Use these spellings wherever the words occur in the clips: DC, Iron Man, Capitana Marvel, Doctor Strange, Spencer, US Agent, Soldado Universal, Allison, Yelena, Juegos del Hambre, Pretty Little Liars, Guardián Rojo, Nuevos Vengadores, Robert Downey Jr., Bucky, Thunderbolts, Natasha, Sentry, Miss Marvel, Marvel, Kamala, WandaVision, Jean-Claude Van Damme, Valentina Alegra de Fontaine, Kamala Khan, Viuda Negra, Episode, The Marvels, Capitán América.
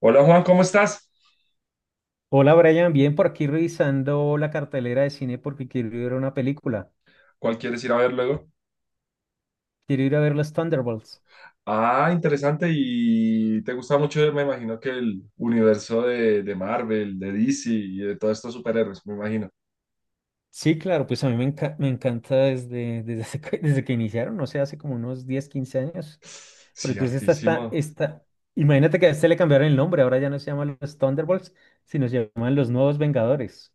Hola Juan, ¿cómo estás? Hola Brian, bien por aquí revisando la cartelera de cine porque quiero ir a ver una película. ¿Cuál quieres ir a ver luego? Quiero ir a ver los Thunderbolts. Ah, interesante. Y te gusta mucho, me imagino que el universo de Marvel, de DC y de todos estos superhéroes, me imagino. Sí, claro, pues a mí me, enca- me encanta desde que iniciaron, no sé, hace como unos 10, 15 años. Pero Sí, entonces hartísimo. Imagínate que a este le cambiaron el nombre, ahora ya no se llaman los Thunderbolts, sino se llaman los Nuevos Vengadores.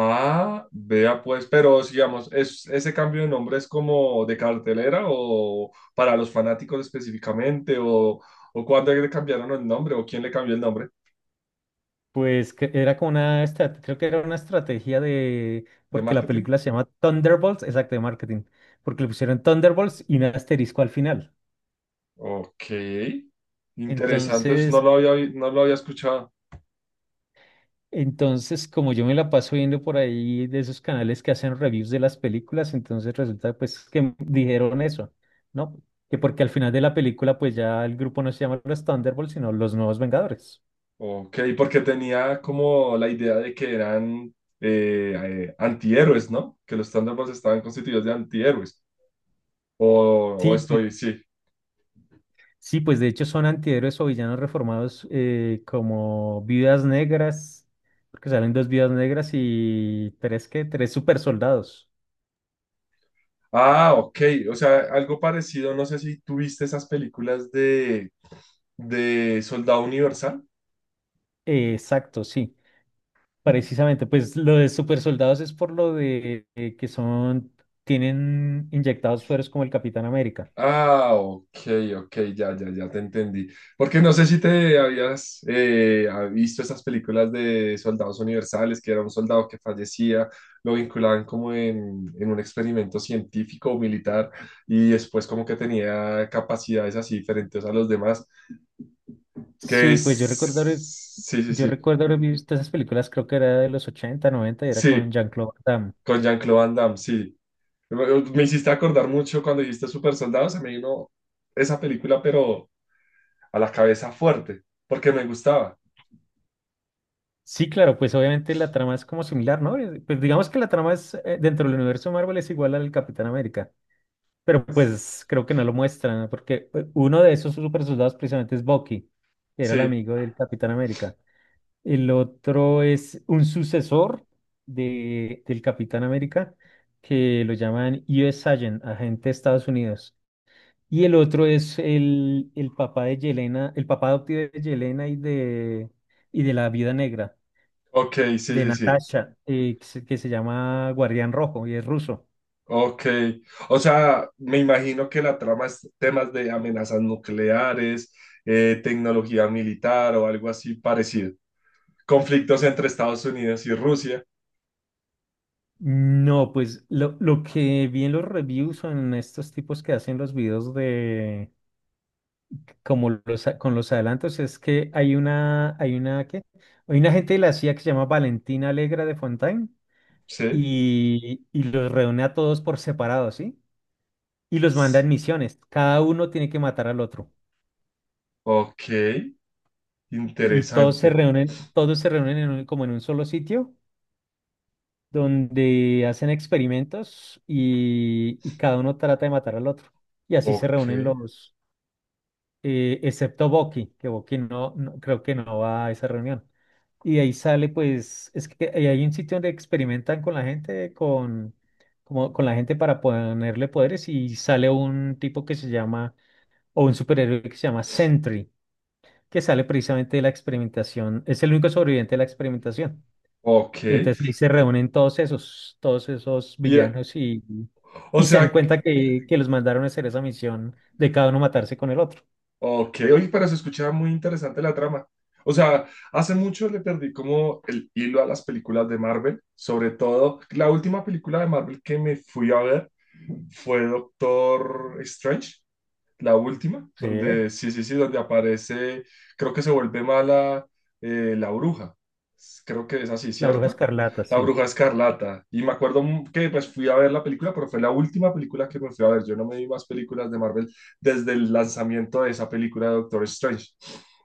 Ah, vea pues, pero digamos, ¿ese cambio de nombre es como de cartelera o para los fanáticos específicamente? O cuándo le cambiaron el nombre? ¿O quién le cambió el nombre Pues que era como creo que era una estrategia de, de porque la marketing? película se llama Thunderbolts, exacto, de marketing, porque le pusieron Thunderbolts y un asterisco al final. Ok, interesante, eso no Entonces, lo había, no lo había escuchado. entonces, como yo me la paso viendo por ahí de esos canales que hacen reviews de las películas, entonces resulta pues que dijeron eso, ¿no? Que porque al final de la película pues ya el grupo no se llama los Thunderbolts, sino los Nuevos Vengadores. Ok, porque tenía como la idea de que eran eh, antihéroes, ¿no? Que los Thunderbolts estaban constituidos de antihéroes. O, o Sí, pues, estoy, sí. sí, pues de hecho son antihéroes o villanos reformados como viudas negras, porque salen dos viudas negras y tres super soldados. Ah, ok. O sea, algo parecido. No sé si tuviste esas películas de Soldado Universal. Exacto, sí. Precisamente, pues lo de super soldados es por lo de tienen inyectados sueros como el Capitán América. Ah, ok, ok, ya, ya, ya te entendí. Porque no sé si te habías visto esas películas de soldados universales, que era un soldado que fallecía, lo vinculaban como en un experimento científico o militar y después como que tenía capacidades así diferentes a los demás, que Sí, pues es... Sí, sí, yo sí, recuerdo haber visto esas películas, creo que era de los 80, noventa y era con sí, Jean-Claude Van Damme. con Jean-Claude Van Damme, sí. Me, me hiciste acordar mucho cuando dijiste Super Soldados, se me vino esa película, pero a la cabeza fuerte, porque me gustaba. Sí, claro, pues obviamente la trama es como similar, ¿no? Pues digamos que dentro del universo Marvel es igual al Capitán América, pero pues creo que no lo muestran, ¿no? Porque uno de esos super soldados precisamente es Bucky, que era el Sí, amigo del Capitán América. El otro es un sucesor del Capitán América, que lo llaman US Agent, agente de Estados Unidos. Y el otro es el papá de Yelena, el papá adoptivo de Yelena y de la Viuda Negra, ok, sí, de sí, sí. Natasha, que se llama Guardián Rojo y es ruso. Ok. O sea, me imagino que la trama es temas de amenazas nucleares, tecnología militar o algo así parecido. Conflictos entre Estados Unidos y Rusia. No, pues lo que vi en los reviews o en estos tipos que hacen los videos como con los adelantos, es que ¿qué? Hay una gente de la CIA que se llama Valentina Alegra de Fontaine Sí. Y los reúne a todos por separado, ¿sí? Y los manda en misiones. Cada uno tiene que matar al otro. Ok, Y interesante. Todos se reúnen en como en un solo sitio donde hacen experimentos y cada uno trata de matar al otro. Y así se Ok, reúnen excepto Boqui, que Boqui no, no- creo que no va a esa reunión. Y de ahí sale, pues, es que ahí hay un sitio donde experimentan con la gente, con, como, con la gente para ponerle poderes y sale un tipo que se llama, o un superhéroe que se llama Sentry, que sale precisamente de la experimentación, es el único sobreviviente de la experimentación. ok. Y entonces ahí se reúnen todos esos Y, villanos o y se dan sea, cuenta que los mandaron a hacer esa misión de cada uno matarse con el otro. Ok, oye, pero se escuchaba muy interesante la trama. O sea, hace mucho le perdí como el hilo a las películas de Marvel, sobre todo la última película de Marvel que me fui a ver fue Doctor Strange la última, Sí. donde sí, sí, sí, donde aparece, creo que se vuelve mala la bruja. Creo que es así, La Bruja ¿cierta? Escarlata, La sí. Bruja Escarlata. Y me acuerdo que pues fui a ver la película, pero fue la última película que me fui a ver. Yo no me vi más películas de Marvel desde el lanzamiento de esa película de Doctor Strange.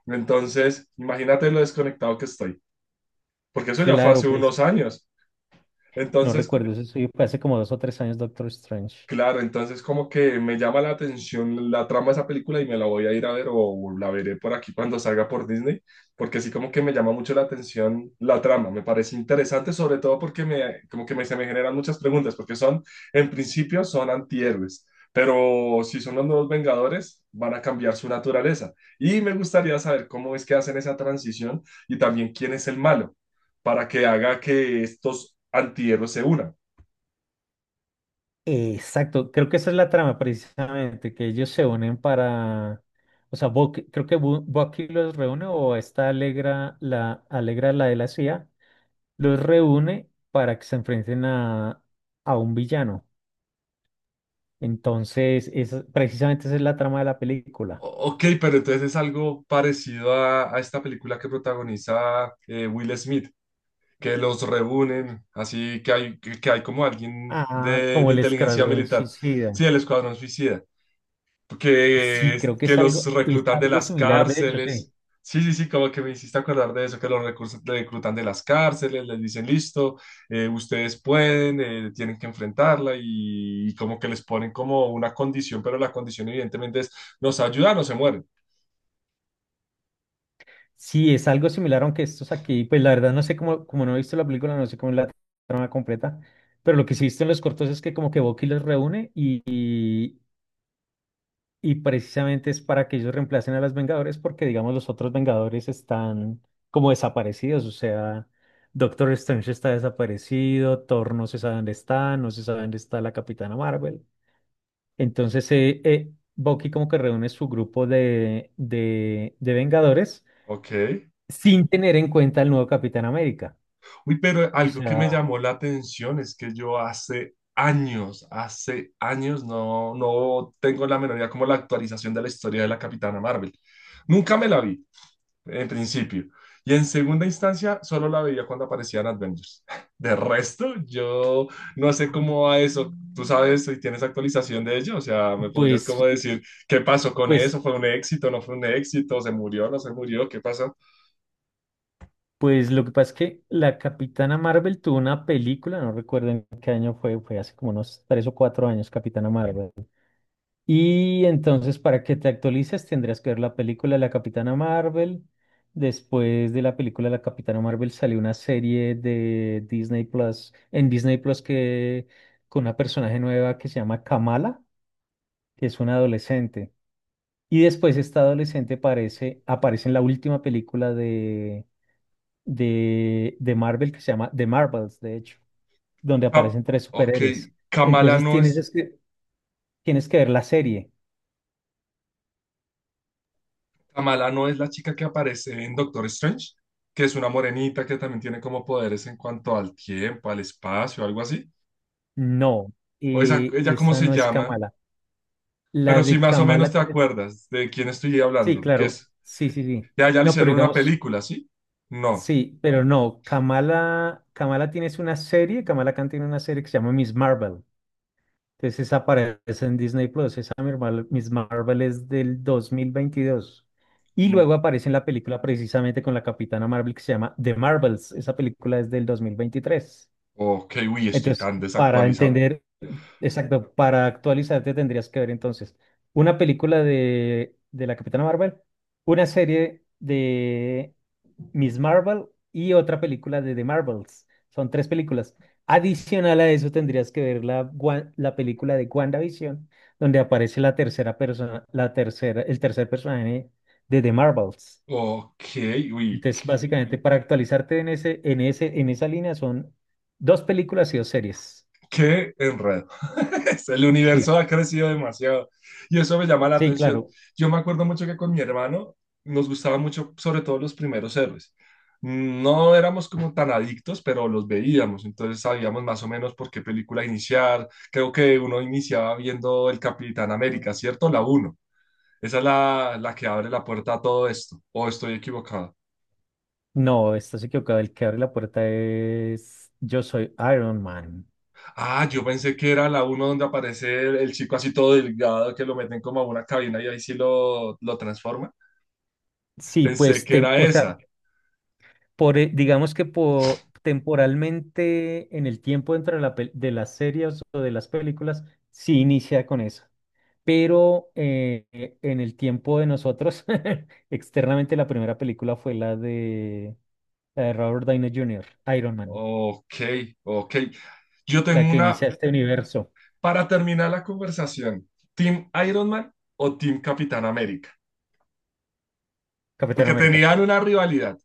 Entonces, imagínate lo desconectado que estoy, porque eso ya fue Claro, hace pues unos años. no Entonces, recuerdo, eso sí, fue hace como dos o tres años Doctor Strange. claro, entonces como que me llama la atención la trama de esa película y me la voy a ir a ver o la veré por aquí cuando salga por Disney, porque sí como que me llama mucho la atención la trama, me parece interesante, sobre todo porque me, como que me, se me generan muchas preguntas, porque son, en principio son antihéroes, pero si son los Nuevos Vengadores, van a cambiar su naturaleza. Y me gustaría saber cómo es que hacen esa transición y también quién es el malo, para que haga que estos antihéroes se unan. Exacto, creo que esa es la trama precisamente, que ellos se unen para, o sea, Bucky los reúne o la Alegra, la de la CIA, los reúne para que se enfrenten a un villano. Entonces, precisamente esa es la trama de la película. Ok, pero entonces es algo parecido a esta película que protagoniza Will Smith, que los reúnen, así que hay, que hay como alguien Ah, como de el inteligencia escuadrón militar, suicida. sí, el Escuadrón Suicida, Sí, creo que que es los es reclutan de algo las similar, de hecho, sí. cárceles, sí, sí, sí, como que me hiciste acordar de eso, que reclutan de las cárceles, les dicen listo, ustedes pueden, tienen que enfrentarla y como que les ponen como una condición, pero la condición evidentemente es nos ayudan o se mueren. Sí, es algo similar, aunque estos aquí, pues la verdad no sé cómo, como no he visto la película, no sé cómo es la trama completa, pero lo que sí he visto en los cortos es que como que Bucky los reúne y, y precisamente es para que ellos reemplacen a los Vengadores porque digamos los otros Vengadores están como desaparecidos, o sea, Doctor Strange está desaparecido, Thor no se sabe dónde está, no se sabe dónde está la Capitana Marvel. Entonces, Bucky como que reúne su grupo de Vengadores Ok. sin tener en cuenta el nuevo Capitán América. Uy, pero O algo que sea, me llamó la atención es que yo hace años no, no tengo la menor idea como la actualización de la historia de la Capitana Marvel. Nunca me la vi, en principio. Y en segunda instancia, solo la veía cuando aparecían Avengers. De resto, yo no sé cómo va eso. ¿Tú sabes si tienes actualización de ello? O sea, ¿me podrías pues, como decir qué pasó con pues, eso? ¿Fue un éxito? ¿No fue un éxito? ¿Se murió? ¿No se murió? ¿Qué pasó? pues lo que pasa es que la Capitana Marvel tuvo una película, no recuerdo en qué año fue, fue hace como unos tres o cuatro años, Capitana Marvel. Y entonces, para que te actualices, tendrías que ver la película de la Capitana Marvel. Después de la película de la Capitana Marvel salió una serie de Disney Plus, en Disney Plus que con una personaje nueva que se llama Kamala, que es una adolescente. Y después esta adolescente aparece en la última película de Marvel que se llama The Marvels, de hecho, donde Ah, aparecen tres ok, superhéroes. Kamala Entonces no tienes es. es que, tienes que ver la serie. Kamala no es la chica que aparece en Doctor Strange, que es una morenita que también tiene como poderes en cuanto al tiempo, al espacio, algo así. No, O esa, ella cómo esa se no es llama, Kamala. La pero si de más o menos Kamala te tienes- acuerdas de quién estoy Sí, hablando, que claro. es, Sí, sí, sí. ya, ya le No, pero hicieron una digamos, película, ¿sí? No. sí, pero no. Kamala tienes una serie, Kamala Khan tiene una serie que se llama Miss Marvel. Entonces esa aparece en Disney Plus, esa Miss Marvel, Miss Marvel es del 2022. Y Mm, luego aparece en la película precisamente con la Capitana Marvel que se llama The Marvels. Esa película es del 2023. ok, uy, estoy Entonces, tan para desactualizado. entender, exacto, para actualizarte tendrías que ver entonces una película de la Capitana Marvel, una serie de Miss Marvel y otra película de The Marvels. Son tres películas. Adicional a eso tendrías que ver la película de WandaVision, donde aparece la tercera persona, la tercera, el tercer personaje de The Marvels. Ok, uy, Entonces, básicamente, para actualizarte en en esa línea son dos películas y dos series. qué enredo. El universo Sí, ha crecido demasiado y eso me llama la sí, atención. claro. Yo me acuerdo mucho que con mi hermano nos gustaba mucho, sobre todo los primeros héroes. No éramos como tan adictos, pero los veíamos, entonces sabíamos más o menos por qué película iniciar. Creo que uno iniciaba viendo El Capitán América, ¿cierto? La uno. Esa es la que abre la puerta a todo esto, o estoy equivocado. No, estás equivocado. El que abre la puerta es Yo soy Iron Man. Ah, yo pensé que era la uno donde aparece el chico así todo delgado que lo meten como a una cabina y ahí sí lo transforma. Sí, Pensé pues, que era o sea, esa. por, digamos que temporalmente en el tiempo dentro de, de las series o de las películas, sí inicia con eso. Pero en el tiempo de nosotros, externamente la primera película fue la de Robert Downey Jr., Iron Man, Ok, ok. Yo la tengo que una inicia este universo, para terminar la conversación. ¿Team Iron Man o Team Capitán América? Capitán Porque América. tenían una rivalidad,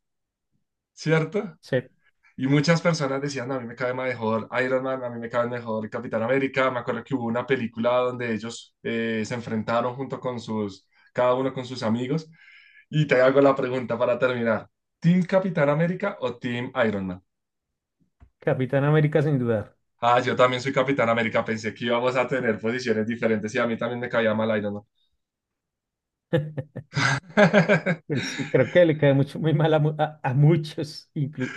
¿cierto? Sí, Y muchas personas decían, a mí me cae mejor Iron Man, a mí me cae mejor Capitán América. Me acuerdo que hubo una película donde ellos se enfrentaron junto con sus, cada uno con sus amigos. Y te hago la pregunta para terminar. ¿Team Capitán América o Team Iron Man? Capitán América sin dudar. Ah, yo también soy Capitán América. Pensé que íbamos a tener posiciones diferentes y a mí también me caía mal Iron Man. Pues sí, creo que le cae muy mal a, a muchos,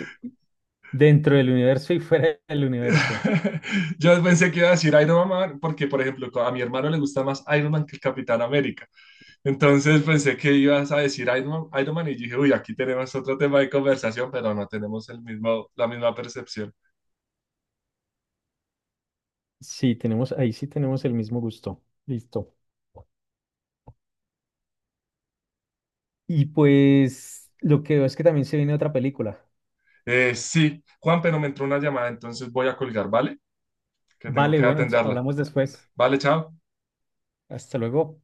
dentro del universo y fuera del universo. Yo pensé que iba a decir Iron Man porque, por ejemplo, a mi hermano le gusta más Iron Man que el Capitán América. Entonces pensé que ibas a decir Iron Man, Iron Man y dije, uy, aquí tenemos otro tema de conversación, pero no tenemos el mismo, la misma percepción. Sí, tenemos, ahí sí tenemos el mismo gusto. Listo. Y pues lo que veo es que también se viene otra película. Sí, Juan, pero me entró una llamada, entonces voy a colgar, ¿vale? Que tengo Vale, que bueno, atenderla. hablamos después. Vale, chao. Hasta luego.